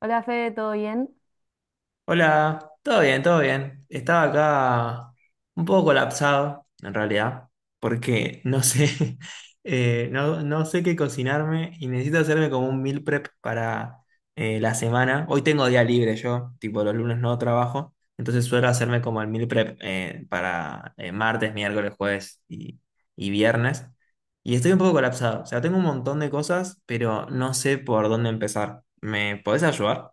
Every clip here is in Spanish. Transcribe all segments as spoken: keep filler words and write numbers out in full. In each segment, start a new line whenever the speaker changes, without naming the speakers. Hola Fede, ¿todo bien?
Hola, todo bien, todo bien. Estaba acá un poco colapsado, en realidad, porque no sé, eh, no, no sé qué cocinarme y necesito hacerme como un meal prep para eh, la semana. Hoy tengo día libre yo, tipo los lunes no trabajo, entonces suelo hacerme como el meal prep eh, para eh, martes, miércoles, jueves y, y viernes. Y estoy un poco colapsado, o sea, tengo un montón de cosas, pero no sé por dónde empezar. ¿Me podés ayudar?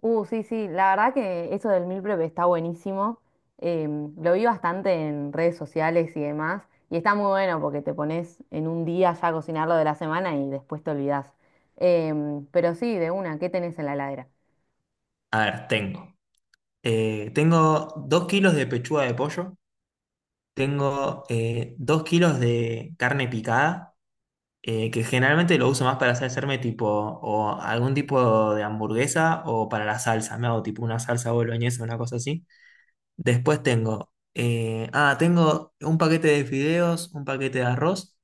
Uh, sí, sí, la verdad que eso del meal prep está buenísimo. Em, lo vi bastante en redes sociales y demás. Y está muy bueno porque te pones en un día ya a cocinar lo de la semana y después te olvidás. Em, pero sí, de una, ¿qué tenés en la heladera?
A ver, tengo. Eh, tengo dos kilos de pechuga de pollo, tengo eh, dos kilos de carne picada, eh, que generalmente lo uso más para hacer- hacerme tipo o algún tipo de hamburguesa o para la salsa, me hago tipo una salsa boloñesa, una cosa así. Después tengo, eh, ah, tengo un paquete de fideos, un paquete de arroz,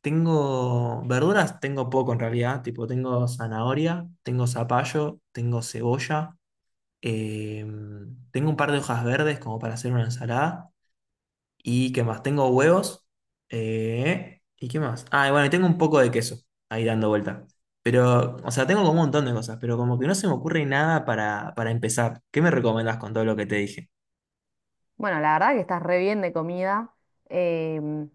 tengo verduras, tengo poco en realidad, tipo tengo zanahoria, tengo zapallo, tengo cebolla. Eh, Tengo un par de hojas verdes como para hacer una ensalada. ¿Y qué más? Tengo huevos. Eh, ¿y qué más? Ah, y bueno, y tengo un poco de queso ahí dando vuelta. Pero, o sea, tengo como un montón de cosas, pero como que no se me ocurre nada para, para empezar. ¿Qué me recomendás con todo lo que te dije?
Bueno, la verdad que estás re bien de comida. Em,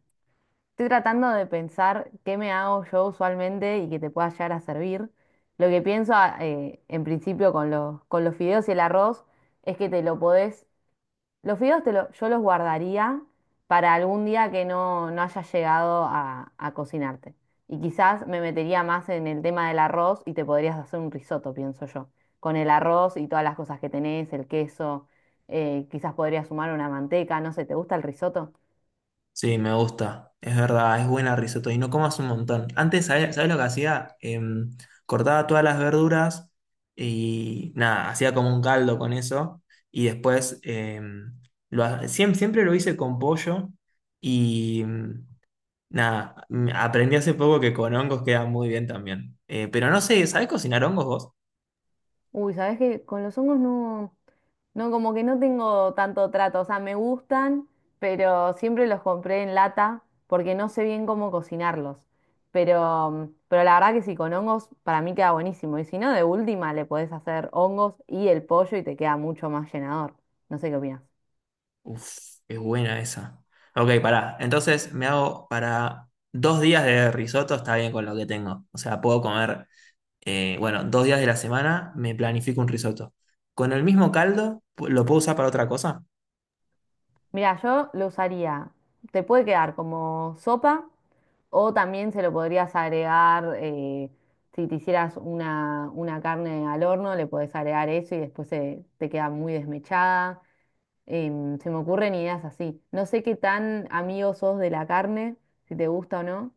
Estoy tratando de pensar qué me hago yo usualmente y que te pueda llegar a servir. Lo que pienso, ah, eh, en principio con los, con los fideos y el arroz es que te lo podés. Los fideos te lo- yo los guardaría para algún día que no, no haya llegado a, a cocinarte. Y quizás me metería más en el tema del arroz y te podrías hacer un risotto, pienso yo. Con el arroz y todas las cosas que tenés, el queso, eh, quizás podrías sumar una manteca, no sé, ¿te gusta el risotto?
Sí, me gusta. Es verdad, es buena risotto y no comas un montón. Antes, ¿sabes, sabes lo que hacía? Em, cortaba todas las verduras y nada, hacía como un caldo con eso. Y después, em, lo, ha- siem- siempre lo hice con pollo y mm, nada, mm, aprendí hace poco que con hongos queda muy bien también. Eh, pero no sé, ¿sabes cocinar hongos vos?
Uy, ¿sabes que con los hongos no, no, como que no tengo tanto trato? O sea, me gustan, pero siempre los compré en lata porque no sé bien cómo cocinarlos. Pero, pero la verdad que sí, con hongos para mí queda buenísimo. Y si no, de última le podés hacer hongos y el pollo y te queda mucho más llenador. No sé qué opinas.
Uf, es buena esa. Ok, pará. Entonces me hago para dos días de risotto, está bien con lo que tengo. O sea, puedo comer. Eh, bueno, dos días de la semana me planifico un risotto. ¿Con el mismo caldo pu- lo puedo usar para otra cosa?
Mira, yo lo usaría. Te puede quedar como sopa o también se lo podrías agregar, eh, si te hicieras una, una carne al horno, le podés agregar eso y después se, te queda muy desmechada. Em, se me ocurren ideas así. No sé qué tan amigo sos de la carne, si te gusta o no.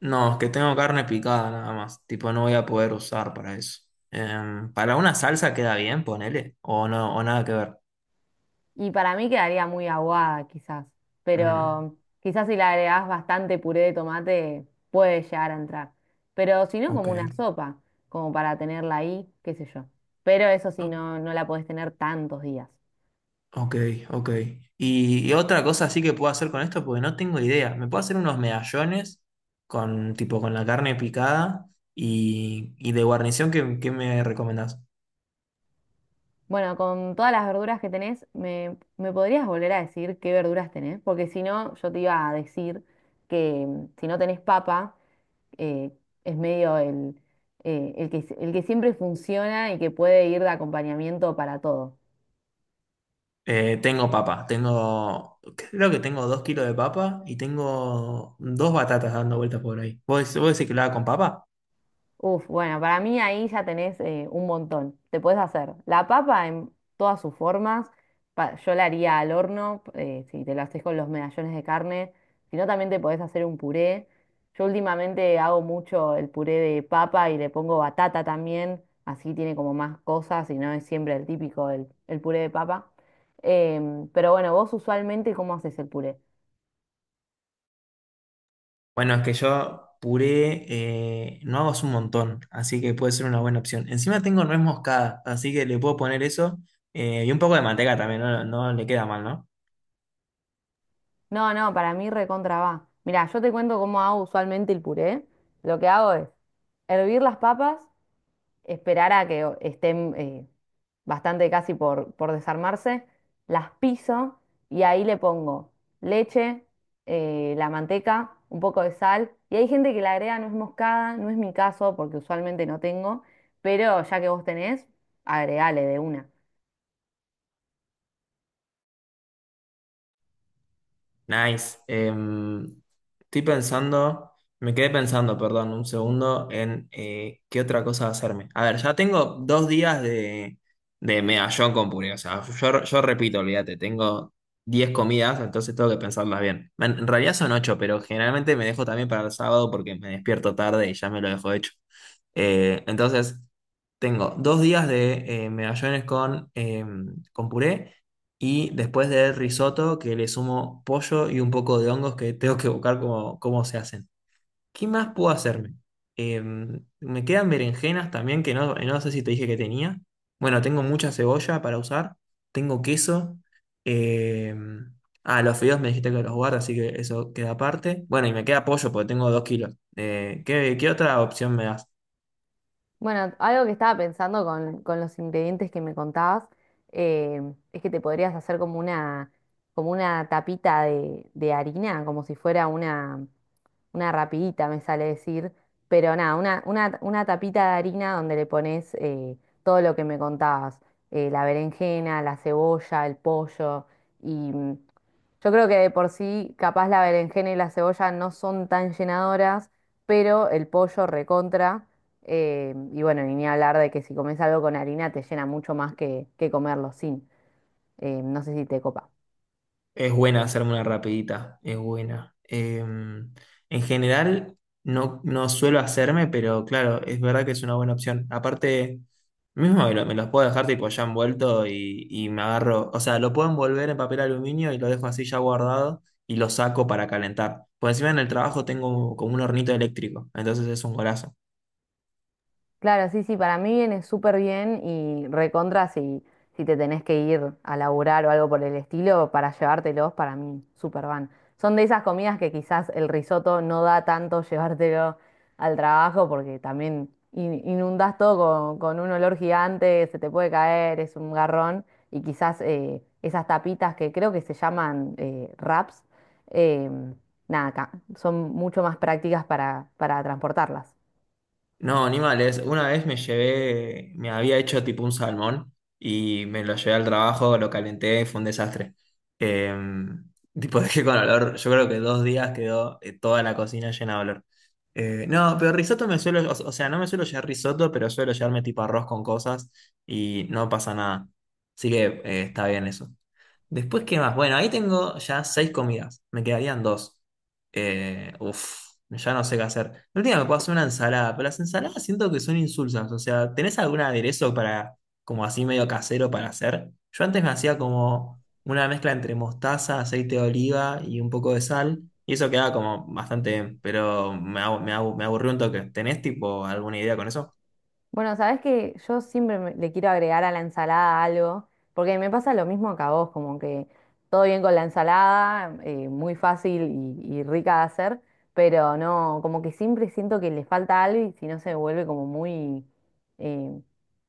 No, es que tengo carne picada nada más. Tipo, no voy a poder usar para eso. Em, para una salsa queda bien, ponele. O no, o nada que ver.
Y para mí quedaría muy aguada, quizás.
Mm,
Pero quizás si le agregás bastante puré de tomate, puede llegar a entrar. Pero si no,
ok.
como una sopa, como para tenerla ahí, qué sé yo. Pero eso sí,
O-
no, no la podés tener tantos días.
ok, ok. Y, y otra cosa así que puedo hacer con esto, porque no tengo idea. Me puedo hacer unos medallones con, tipo, con la carne picada y, y de guarnición, ¿qué, qué me recomendás?
Bueno, con todas las verduras que tenés, ¿me, me podrías volver a decir qué verduras tenés? Porque si no, yo te iba a decir que mm, si no tenés papa, eh, es medio el, eh, el que, el que siempre funciona y que puede ir de acompañamiento para todo.
Eh, tengo papa, tengo, creo que tengo dos kilos de papa y tengo dos batatas dando vueltas por ahí. ¿Vos, vos decís que lo haga con papa?
Uf, bueno, para mí ahí ya tenés eh, un montón. Te puedes hacer la papa en todas sus formas. Pa- yo la haría al horno, eh, si te la haces con los medallones de carne. Si no, también te podés hacer un puré. Yo últimamente hago mucho el puré de papa y le pongo batata también. Así tiene como más cosas y no es siempre el típico, el, el puré de papa. Em, pero bueno, vos usualmente, ¿cómo haces el puré?
Bueno, es que yo puré, eh, no hago hace un montón, así que puede ser una buena opción. Encima tengo nuez moscada, así que le puedo poner eso eh, y un poco de manteca también, no, no le queda mal, ¿no?
No, no, para mí recontra va. Mirá, yo te cuento cómo hago usualmente el puré. Lo que hago es hervir las papas, esperar a que o- estén eh, bastante casi por, por desarmarse, las piso y ahí le pongo leche, eh, la manteca, un poco de sal. Y hay gente que le agrega nuez moscada, no es mi caso porque usualmente no tengo, pero ya que vos tenés, agregale de una.
Nice. Em, estoy pensando, me quedé pensando, perdón, un segundo, en eh, qué otra cosa hacerme. A ver, ya tengo dos días de, de medallón con puré. O sea, yo, yo repito, olvídate, tengo diez comidas, entonces tengo que pensarlas bien. En, en realidad son ocho, pero generalmente me dejo también para el sábado porque me despierto tarde y ya me lo dejo hecho. Eh, entonces, Tengo dos días de eh, medallones con, em, con puré. Y después de risotto, que le sumo pollo y un poco de hongos que tengo que buscar cómo, cómo se hacen. ¿Qué más puedo hacerme? Em, me quedan berenjenas también, que no, no sé si te dije que tenía. Bueno, tengo mucha cebolla para usar. Tengo queso. em, ah, los fideos me dijiste que los guardas, así que eso queda aparte. Bueno, y me queda pollo porque tengo dos kilos. Eh, ¿qué, qué otra opción me das?
Bueno, algo que estaba pensando con, con los ingredientes que me contabas, eh, es que te podrías hacer como una, como una tapita de, de harina, como si fuera una, una rapidita me sale decir, pero nada, una, una, una tapita de harina donde le pones eh, todo lo que me contabas, eh, la berenjena, la cebolla, el pollo, y mm, yo creo que de por sí capaz la berenjena y la cebolla no son tan llenadoras, pero el pollo recontra, eh, y bueno, y ni hablar de que si comes algo con harina te llena mucho más que, que comerlo sin. Eh, no sé si te copa.
Es buena hacerme una rapidita, es buena. Em, en general, no, no suelo hacerme, pero claro, es verdad que es una buena opción. Aparte, mismo me, lo- me los puedo dejar tipo ya envuelto y, y me agarro. O sea, lo puedo envolver en papel aluminio y lo dejo así ya guardado y lo saco para calentar. Por encima en el trabajo tengo como un hornito eléctrico, entonces es un golazo.
Claro, sí, sí, para mí viene súper bien y recontra si, si te tenés que ir a laburar o algo por el estilo para llevártelos, para mí súper van. Son de esas comidas que quizás el risotto no da tanto llevártelo al trabajo porque también in- inundás todo con, con un olor gigante, se te puede caer, es un garrón y quizás eh, esas tapitas que creo que se llaman eh, wraps, em, nada, ca- son mucho más prácticas para, para transportarlas.
No, animales. Una vez me llevé, me había hecho tipo un salmón y me lo llevé al trabajo, lo calenté, fue un desastre. Eh, tipo, dejé con olor, yo creo que dos días quedó eh, toda la cocina llena de olor. Eh, no, pero risotto me suelo, o, o sea, no me suelo llevar risotto, pero suelo llevarme tipo arroz con cosas y no pasa nada. Así que eh, está bien eso. Después, ¿qué más? Bueno, ahí tengo ya seis comidas, me quedarían dos. Eh, uf, ya no sé qué hacer. La última me puedo hacer una ensalada, pero las ensaladas siento que son insulsas. O sea, ¿tenés algún aderezo para, como así medio casero para hacer? Yo antes me hacía como una mezcla entre mostaza, aceite de oliva y un poco de sal. Y eso quedaba como bastante bien, pero me, abu- me abu- me aburrió un toque. ¿Tenés tipo alguna idea con eso?
Bueno, sabes que yo siempre me- le quiero agregar a la ensalada algo, porque me pasa lo mismo que a vos, como que todo bien con la ensalada, eh, muy fácil y, y rica de hacer, pero no, como que siempre siento que le falta algo y si no se vuelve como muy, eh,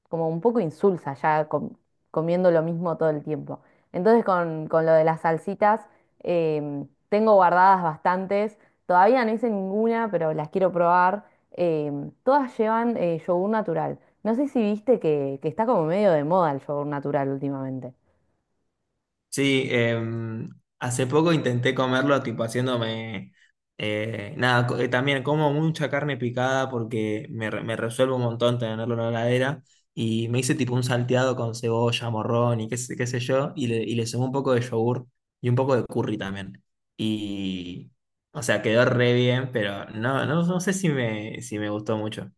como un poco insulsa ya com- comiendo lo mismo todo el tiempo. Entonces con, con lo de las salsitas, em, tengo guardadas bastantes, todavía no hice ninguna, pero las quiero probar. Em, todas llevan eh, yogur natural. No sé si viste que, que está como medio de moda el yogur natural últimamente.
Sí, em, hace poco intenté comerlo, tipo haciéndome, eh, nada, co- eh, también como mucha carne picada porque me, re- me resuelve un montón tenerlo en la heladera y me hice tipo un salteado con cebolla, morrón y qué, sé- qué sé yo y le, y le sumé un poco de yogur y un poco de curry también. Y, o sea, quedó re bien, pero no, no, no sé si me, si me gustó mucho.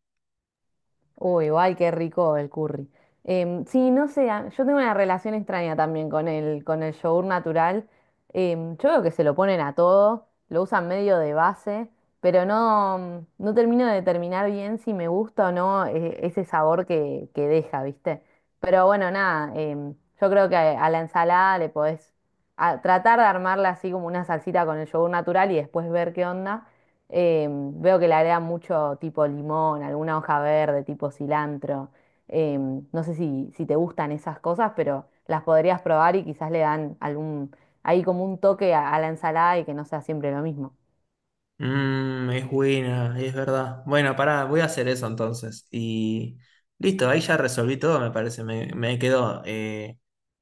Uy, guay, qué rico el curry. Em, sí, no sé, a- yo tengo una relación extraña también con el, con el yogur natural. Em, yo veo que se lo ponen a todo, lo usan medio de base, pero no, no termino de determinar bien si me gusta o no eh, ese sabor que, que deja, ¿viste? Pero bueno, nada, em, yo creo que a a la ensalada le podés a- tratar de armarla así como una salsita con el yogur natural y después ver qué onda. Eh, veo que le agrega mucho tipo limón, alguna hoja verde, tipo cilantro. Eh, no sé si, si te gustan esas cosas, pero las podrías probar y quizás le dan algún, ahí como un toque a, a la ensalada y que no sea siempre lo mismo.
Mm, es buena, es verdad. Bueno, pará, voy a hacer eso entonces. Y listo, ahí ya resolví todo, me parece. Me, me quedó. eh,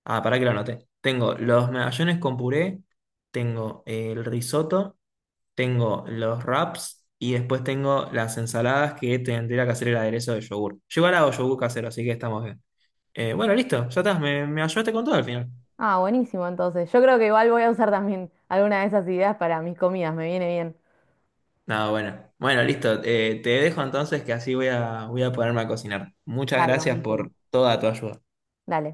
Ah, pará que lo anoté. Tengo los medallones con puré, tengo el risotto, tengo los wraps y después tengo las ensaladas que tendría que hacer el aderezo de yogur. Yo igual hago yogur casero, así que estamos bien. Eh, bueno, listo, ya estás, me, me ayudaste con todo al final.
Ah, buenísimo, entonces. Yo creo que igual voy a usar también alguna de esas ideas para mis comidas, me viene bien.
No, bueno. Bueno, listo. Eh, te dejo entonces que así voy a, voy a ponerme a cocinar. Muchas
Dale,
gracias
buenísimo.
por toda tu ayuda.
Dale.